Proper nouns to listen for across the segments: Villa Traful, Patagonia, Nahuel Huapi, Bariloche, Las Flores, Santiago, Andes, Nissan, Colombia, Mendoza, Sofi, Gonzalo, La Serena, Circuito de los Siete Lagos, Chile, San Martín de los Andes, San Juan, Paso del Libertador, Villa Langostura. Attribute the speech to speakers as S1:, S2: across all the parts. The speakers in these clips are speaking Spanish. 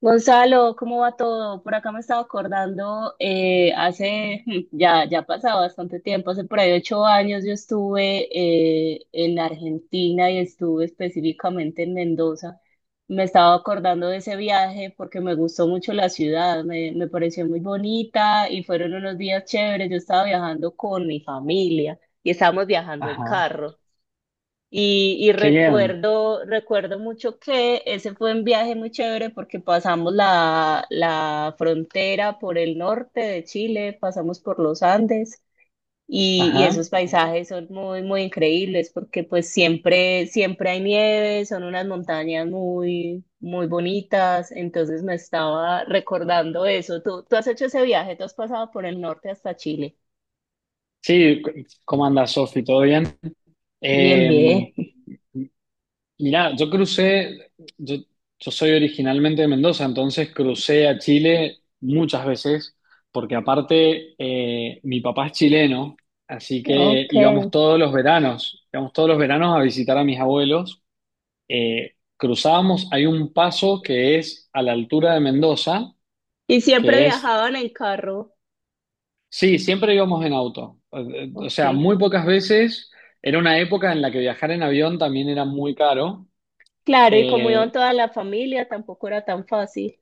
S1: Gonzalo, ¿cómo va todo? Por acá me estaba acordando, hace, ya, ya ha pasado bastante tiempo. Hace por ahí 8 años yo estuve en Argentina y estuve específicamente en Mendoza. Me estaba acordando de ese viaje porque me gustó mucho la ciudad, me pareció muy bonita y fueron unos días chéveres. Yo estaba viajando con mi familia y estábamos viajando en
S2: Ajá,
S1: carro. Y
S2: qué bien.
S1: recuerdo mucho que ese fue un viaje muy chévere, porque pasamos la frontera por el norte de Chile, pasamos por los Andes y
S2: Ajá.
S1: esos paisajes son muy, muy increíbles, porque pues siempre, siempre hay nieve, son unas montañas muy, muy bonitas. Entonces me estaba recordando eso. ¿Tú has hecho ese viaje? ¿Tú has pasado por el norte hasta Chile?
S2: Sí, cu- ¿Cómo andas, Sofi? ¿Todo bien?
S1: Bien,
S2: Eh,
S1: bien.
S2: Mirá, yo, yo soy originalmente de Mendoza, entonces crucé a Chile muchas veces, porque aparte mi papá es chileno, así que
S1: Ok.
S2: íbamos todos los veranos, íbamos todos los veranos a visitar a mis abuelos. Cruzábamos, hay un paso que es a la altura de Mendoza,
S1: ¿Y siempre
S2: que es
S1: viajaban en carro?
S2: Sí, siempre íbamos en auto. O
S1: Ok.
S2: sea, muy pocas veces. Era una época en la que viajar en avión también era muy caro.
S1: Claro, y como
S2: Eh,
S1: iban toda la familia, tampoco era tan fácil.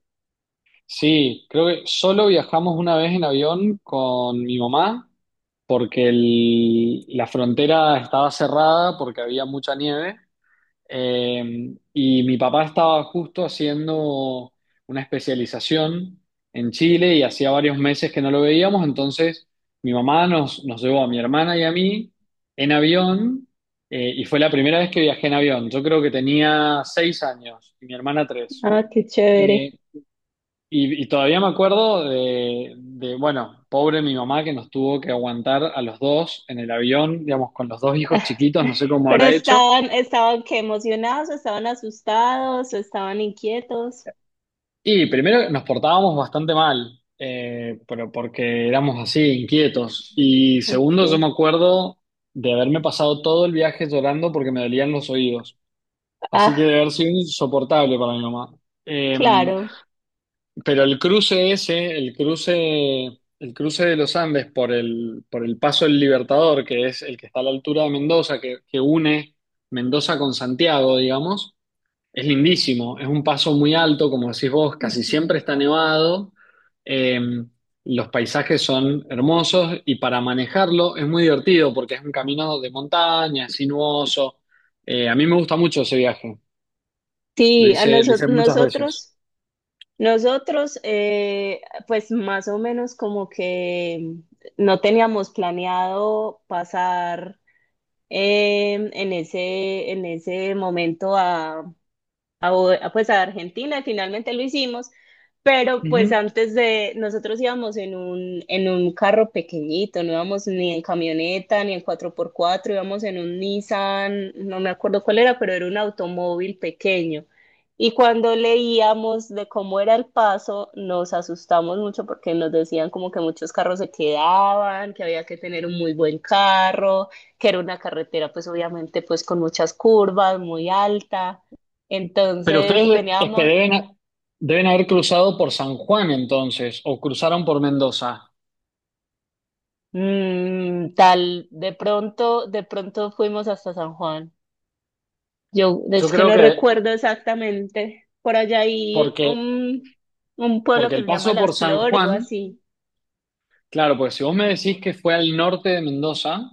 S2: sí, creo que solo viajamos una vez en avión con mi mamá porque la frontera estaba cerrada porque había mucha nieve. Y mi papá estaba justo haciendo una especialización en Chile y hacía varios meses que no lo veíamos, entonces mi mamá nos llevó a mi hermana y a mí en avión y fue la primera vez que viajé en avión. Yo creo que tenía 6 años y mi hermana tres.
S1: Ah, qué chévere.
S2: Eh, y, y todavía me acuerdo bueno, pobre mi mamá que nos tuvo que aguantar a los dos en el avión, digamos, con los dos hijos chiquitos, no sé cómo
S1: Pero
S2: habrá hecho.
S1: estaban qué emocionados, o estaban asustados, o estaban inquietos.
S2: Y primero nos portábamos bastante mal, pero porque éramos así, inquietos. Y segundo, yo me
S1: Ok.
S2: acuerdo de haberme pasado todo el viaje llorando porque me dolían los oídos. Así que
S1: Ah,
S2: debe haber sido insoportable para mi mamá. Eh,
S1: claro.
S2: pero el cruce de los Andes por por el Paso del Libertador, que es el que está a la altura de Mendoza, que une Mendoza con Santiago, digamos. Es lindísimo, es un paso muy alto, como decís vos, casi
S1: Ujú.
S2: siempre está nevado, eh, los paisajes son hermosos y para manejarlo es muy divertido porque es un camino de montaña, es sinuoso. A mí me gusta mucho ese viaje,
S1: Sí, a
S2: lo
S1: noso-
S2: hice muchas veces.
S1: nosotros, nosotros, pues más o menos como que no teníamos planeado pasar en ese momento a pues a Argentina, y finalmente lo hicimos. Pero pues
S2: Ujú.
S1: antes, de nosotros íbamos en un carro pequeñito, no íbamos ni en camioneta, ni en cuatro por cuatro, íbamos en un Nissan, no me acuerdo cuál era, pero era un automóvil pequeño. Y cuando leíamos de cómo era el paso, nos asustamos mucho porque nos decían como que muchos carros se quedaban, que había que tener un muy buen carro, que era una carretera, pues obviamente, pues con muchas curvas, muy alta.
S2: Pero
S1: Entonces
S2: ustedes es que
S1: teníamos,
S2: deben haber cruzado por San Juan entonces, o cruzaron por Mendoza.
S1: tal, de pronto fuimos hasta San Juan. Yo
S2: Yo
S1: es que
S2: creo
S1: no
S2: que
S1: recuerdo exactamente. Por allá hay
S2: porque,
S1: un pueblo
S2: porque
S1: que
S2: el
S1: se llama
S2: paso por
S1: Las
S2: San
S1: Flores, algo
S2: Juan.
S1: así.
S2: Claro, porque si vos me decís que fue al norte de Mendoza,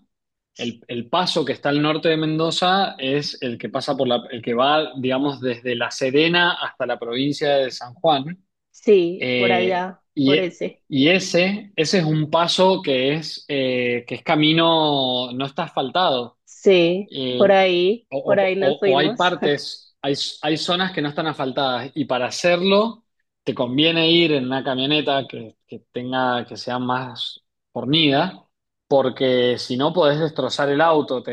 S2: el paso que está al norte de Mendoza es el que pasa por el que va, digamos, desde La Serena hasta la provincia de San Juan.
S1: Sí, por
S2: Eh,
S1: allá,
S2: y,
S1: por
S2: e-
S1: ese.
S2: y ese, ese es un paso que es camino, no está asfaltado.
S1: Sí,
S2: Y,
S1: por ahí nos
S2: o hay
S1: fuimos.
S2: partes, hay zonas que no están asfaltadas y para hacerlo te conviene ir en una camioneta que tenga, que sea más fornida, porque si no podés destrozar el auto, te,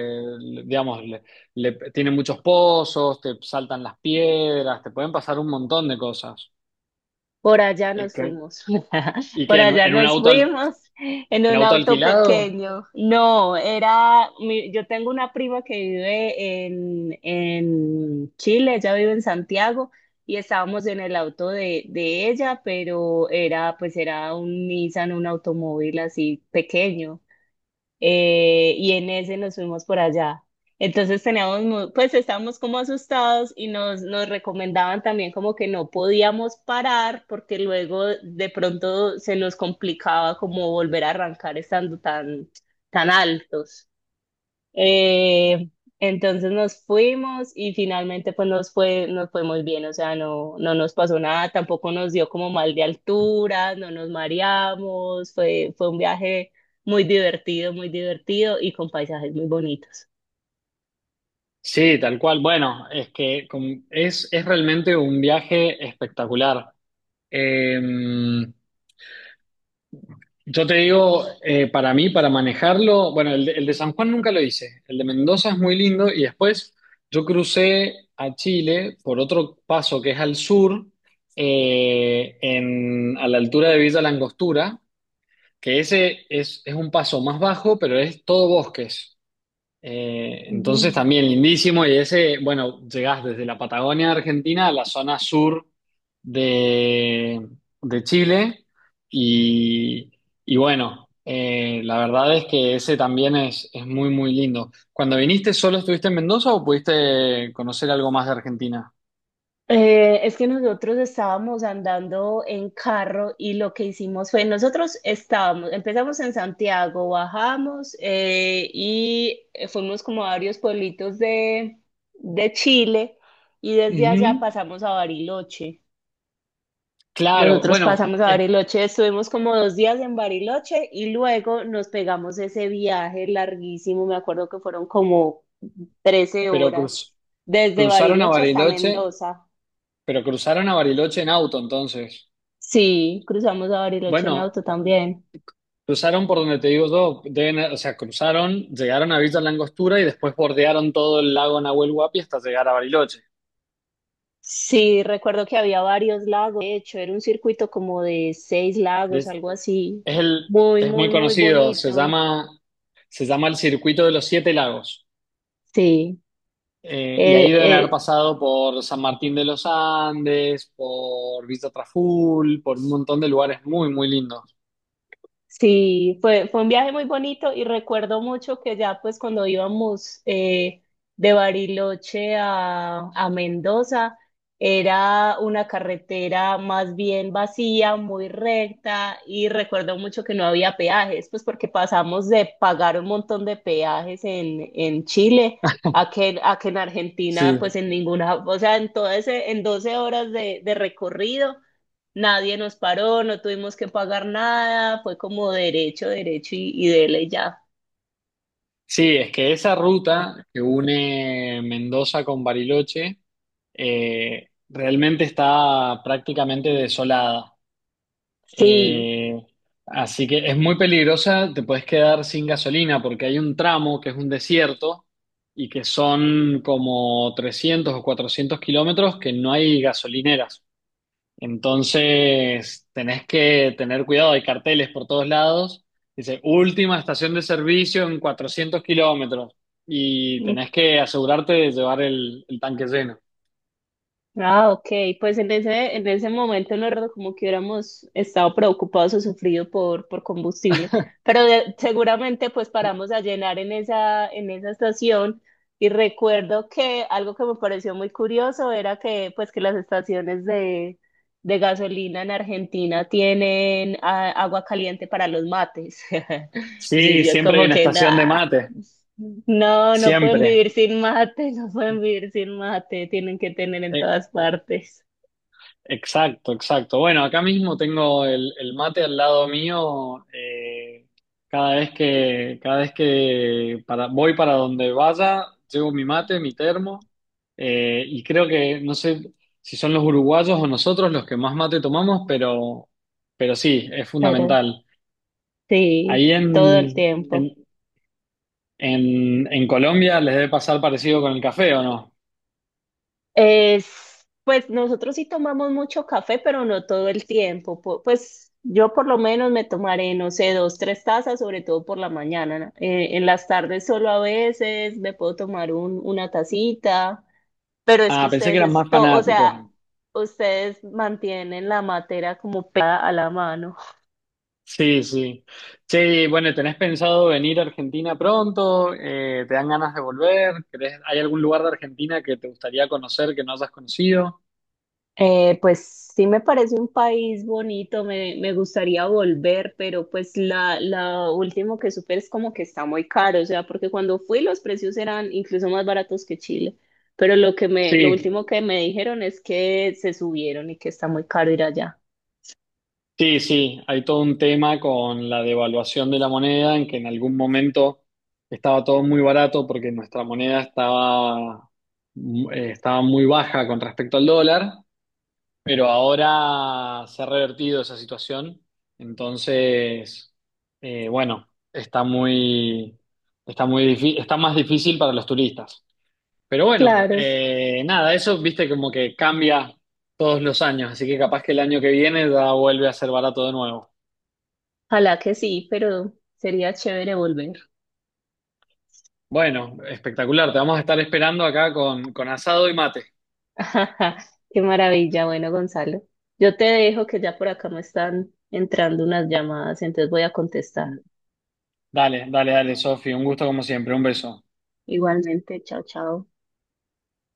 S2: digamos, tiene muchos pozos, te saltan las piedras, te pueden pasar un montón de cosas.
S1: Por allá
S2: Es
S1: nos
S2: que-
S1: fuimos,
S2: ¿Y
S1: por
S2: que
S1: allá
S2: en un
S1: nos
S2: auto,
S1: fuimos en
S2: en
S1: un
S2: auto
S1: auto
S2: alquilado?
S1: pequeño. No, era, mi- Yo tengo una prima que vive en Chile, ella vive en Santiago, y estábamos en el auto de ella, pero era, pues era un Nissan, un automóvil así pequeño. Y en ese nos fuimos por allá. Pues estábamos como asustados y nos recomendaban también como que no podíamos parar, porque luego de pronto se nos complicaba como volver a arrancar, estando tan, tan altos. Eh, entonces nos fuimos y finalmente pues nos fue muy bien, o sea, no, no nos pasó nada, tampoco nos dio como mal de altura, no nos mareamos. Fue un viaje muy divertido y con paisajes muy bonitos.
S2: Sí, tal cual. Bueno, es realmente un viaje espectacular. Eh, yo te digo, para mí, para manejarlo, bueno, el de San Juan nunca lo hice, el de Mendoza es muy lindo y después yo crucé a Chile por otro paso que es al sur, a la altura de Villa Langostura, que ese es un paso más bajo, pero es todo bosques. Entonces también lindísimo y ese, bueno, llegás desde la Patagonia Argentina a la zona sur de, de Chile y, y bueno, la verdad es que ese también es muy, muy lindo. Cuando viniste, ¿solo estuviste en Mendoza o pudiste conocer algo más de Argentina?
S1: Es que nosotros estábamos andando en carro, y lo que hicimos fue, nosotros estábamos, empezamos en Santiago. Bajamos y fuimos como a varios pueblitos de Chile y desde allá
S2: Ujú,
S1: pasamos a Bariloche.
S2: claro,
S1: Nosotros
S2: bueno,
S1: pasamos a Bariloche, estuvimos como 2 días en Bariloche y luego nos pegamos ese viaje larguísimo. Me acuerdo que fueron como trece
S2: pero
S1: horas,
S2: cruz-
S1: desde
S2: cruzaron a
S1: Bariloche hasta
S2: Bariloche,
S1: Mendoza.
S2: pero cruzaron a Bariloche en auto entonces.
S1: Sí, cruzamos a Bariloche en
S2: Bueno.
S1: auto también.
S2: Cruzaron por donde te digo yo, o sea, cruzaron, llegaron a Villa Langostura y después bordearon todo el lago Nahuel Huapi hasta llegar a Bariloche.
S1: Sí, recuerdo que había varios lagos. De hecho, era un circuito como de seis lagos,
S2: Des-
S1: algo así.
S2: Es,
S1: Muy,
S2: es muy
S1: muy, muy
S2: conocido,
S1: bonito.
S2: se llama el Circuito de los Siete Lagos.
S1: Sí,
S2: Y ahí
S1: eh,
S2: deben haber
S1: eh,
S2: pasado por San Martín de los Andes, por Villa Traful, por un montón de lugares muy, muy lindos.
S1: sí, fue, fue un viaje muy bonito y recuerdo mucho que ya pues cuando íbamos de Bariloche a Mendoza, era una carretera más bien vacía, muy recta, y recuerdo mucho que no había peajes, pues porque pasamos de pagar un montón de peajes en Chile, a que en Argentina
S2: Sí.
S1: pues en ninguna, o sea, en todo ese, en 12 horas de recorrido. Nadie nos paró, no tuvimos que pagar nada, fue como derecho, derecho y dele ya.
S2: Sí, es que esa ruta que une Mendoza con Bariloche realmente está prácticamente desolada.
S1: Sí.
S2: Eh, Así que es muy peligrosa, te puedes quedar sin gasolina porque hay un tramo que es un desierto y que son como 300 o 400 kilómetros que no hay gasolineras. Entonces, tenés que tener cuidado, hay carteles por todos lados. Dice, última estación de servicio en 400 kilómetros y tenés que asegurarte de llevar el tanque lleno.
S1: Ah, ok, pues en ese momento no recuerdo como que hubiéramos estado preocupados o sufrido por combustible, pero seguramente pues paramos a llenar en esa estación, y recuerdo que algo que me pareció muy curioso era que, pues, que las estaciones de gasolina en Argentina tienen agua caliente para los mates. Y
S2: Sí,
S1: yo
S2: siempre hay
S1: como
S2: una
S1: que
S2: estación de
S1: nada.
S2: mate,
S1: No, no pueden
S2: siempre.
S1: vivir sin mate, no pueden vivir sin mate, tienen que tener en
S2: Eh,
S1: todas partes,
S2: Exacto, exacto. Bueno, acá mismo tengo el mate al lado mío. Cada vez que, voy para donde vaya, llevo mi mate, mi termo. Y creo que, no sé si son los uruguayos o nosotros los que más mate tomamos, pero sí, es
S1: pero
S2: fundamental.
S1: sí,
S2: Ahí
S1: todo el tiempo.
S2: en, en Colombia les debe pasar parecido con el café, ¿o no?
S1: Es, pues nosotros sí tomamos mucho café, pero no todo el tiempo. Pues yo por lo menos me tomaré, no sé, dos, tres tazas, sobre todo por la mañana, ¿no? En las tardes solo a veces me puedo tomar una tacita, pero es que
S2: Ah, pensé que
S1: ustedes
S2: eran más
S1: esto, o
S2: fanáticos.
S1: sea, ustedes mantienen la matera como pegada a la mano.
S2: Sí, sí. Sí, bueno, ¿tenés pensado venir a Argentina pronto? ¿Te dan ganas de volver? ¿Querés- ¿Hay algún lugar de Argentina que te gustaría conocer que no hayas conocido?
S1: Pues sí me parece un país bonito, me gustaría volver, pero pues la último que supe es como que está muy caro, o sea, porque cuando fui los precios eran incluso más baratos que Chile, pero lo
S2: Sí,
S1: último que me dijeron es que se subieron y que está muy caro ir allá.
S2: sí, sí. Hay todo un tema con la devaluación de la moneda, en que en algún momento estaba todo muy barato porque nuestra moneda estaba, estaba muy baja con respecto al dólar. Pero ahora se ha revertido esa situación, entonces, bueno, está más difícil para los turistas. Pero bueno,
S1: Claro,
S2: nada, eso viste como que cambia todos los años, así que capaz que el año que viene ya vuelve a ser barato de nuevo.
S1: ojalá que sí, pero sería chévere volver.
S2: Bueno, espectacular, te vamos a estar esperando acá con asado y mate.
S1: Qué maravilla. Bueno, Gonzalo, yo te dejo que ya por acá me están entrando unas llamadas, entonces voy a contestar.
S2: Dale, dale, dale, Sofi, un gusto como siempre, un beso.
S1: Igualmente, chao, chao.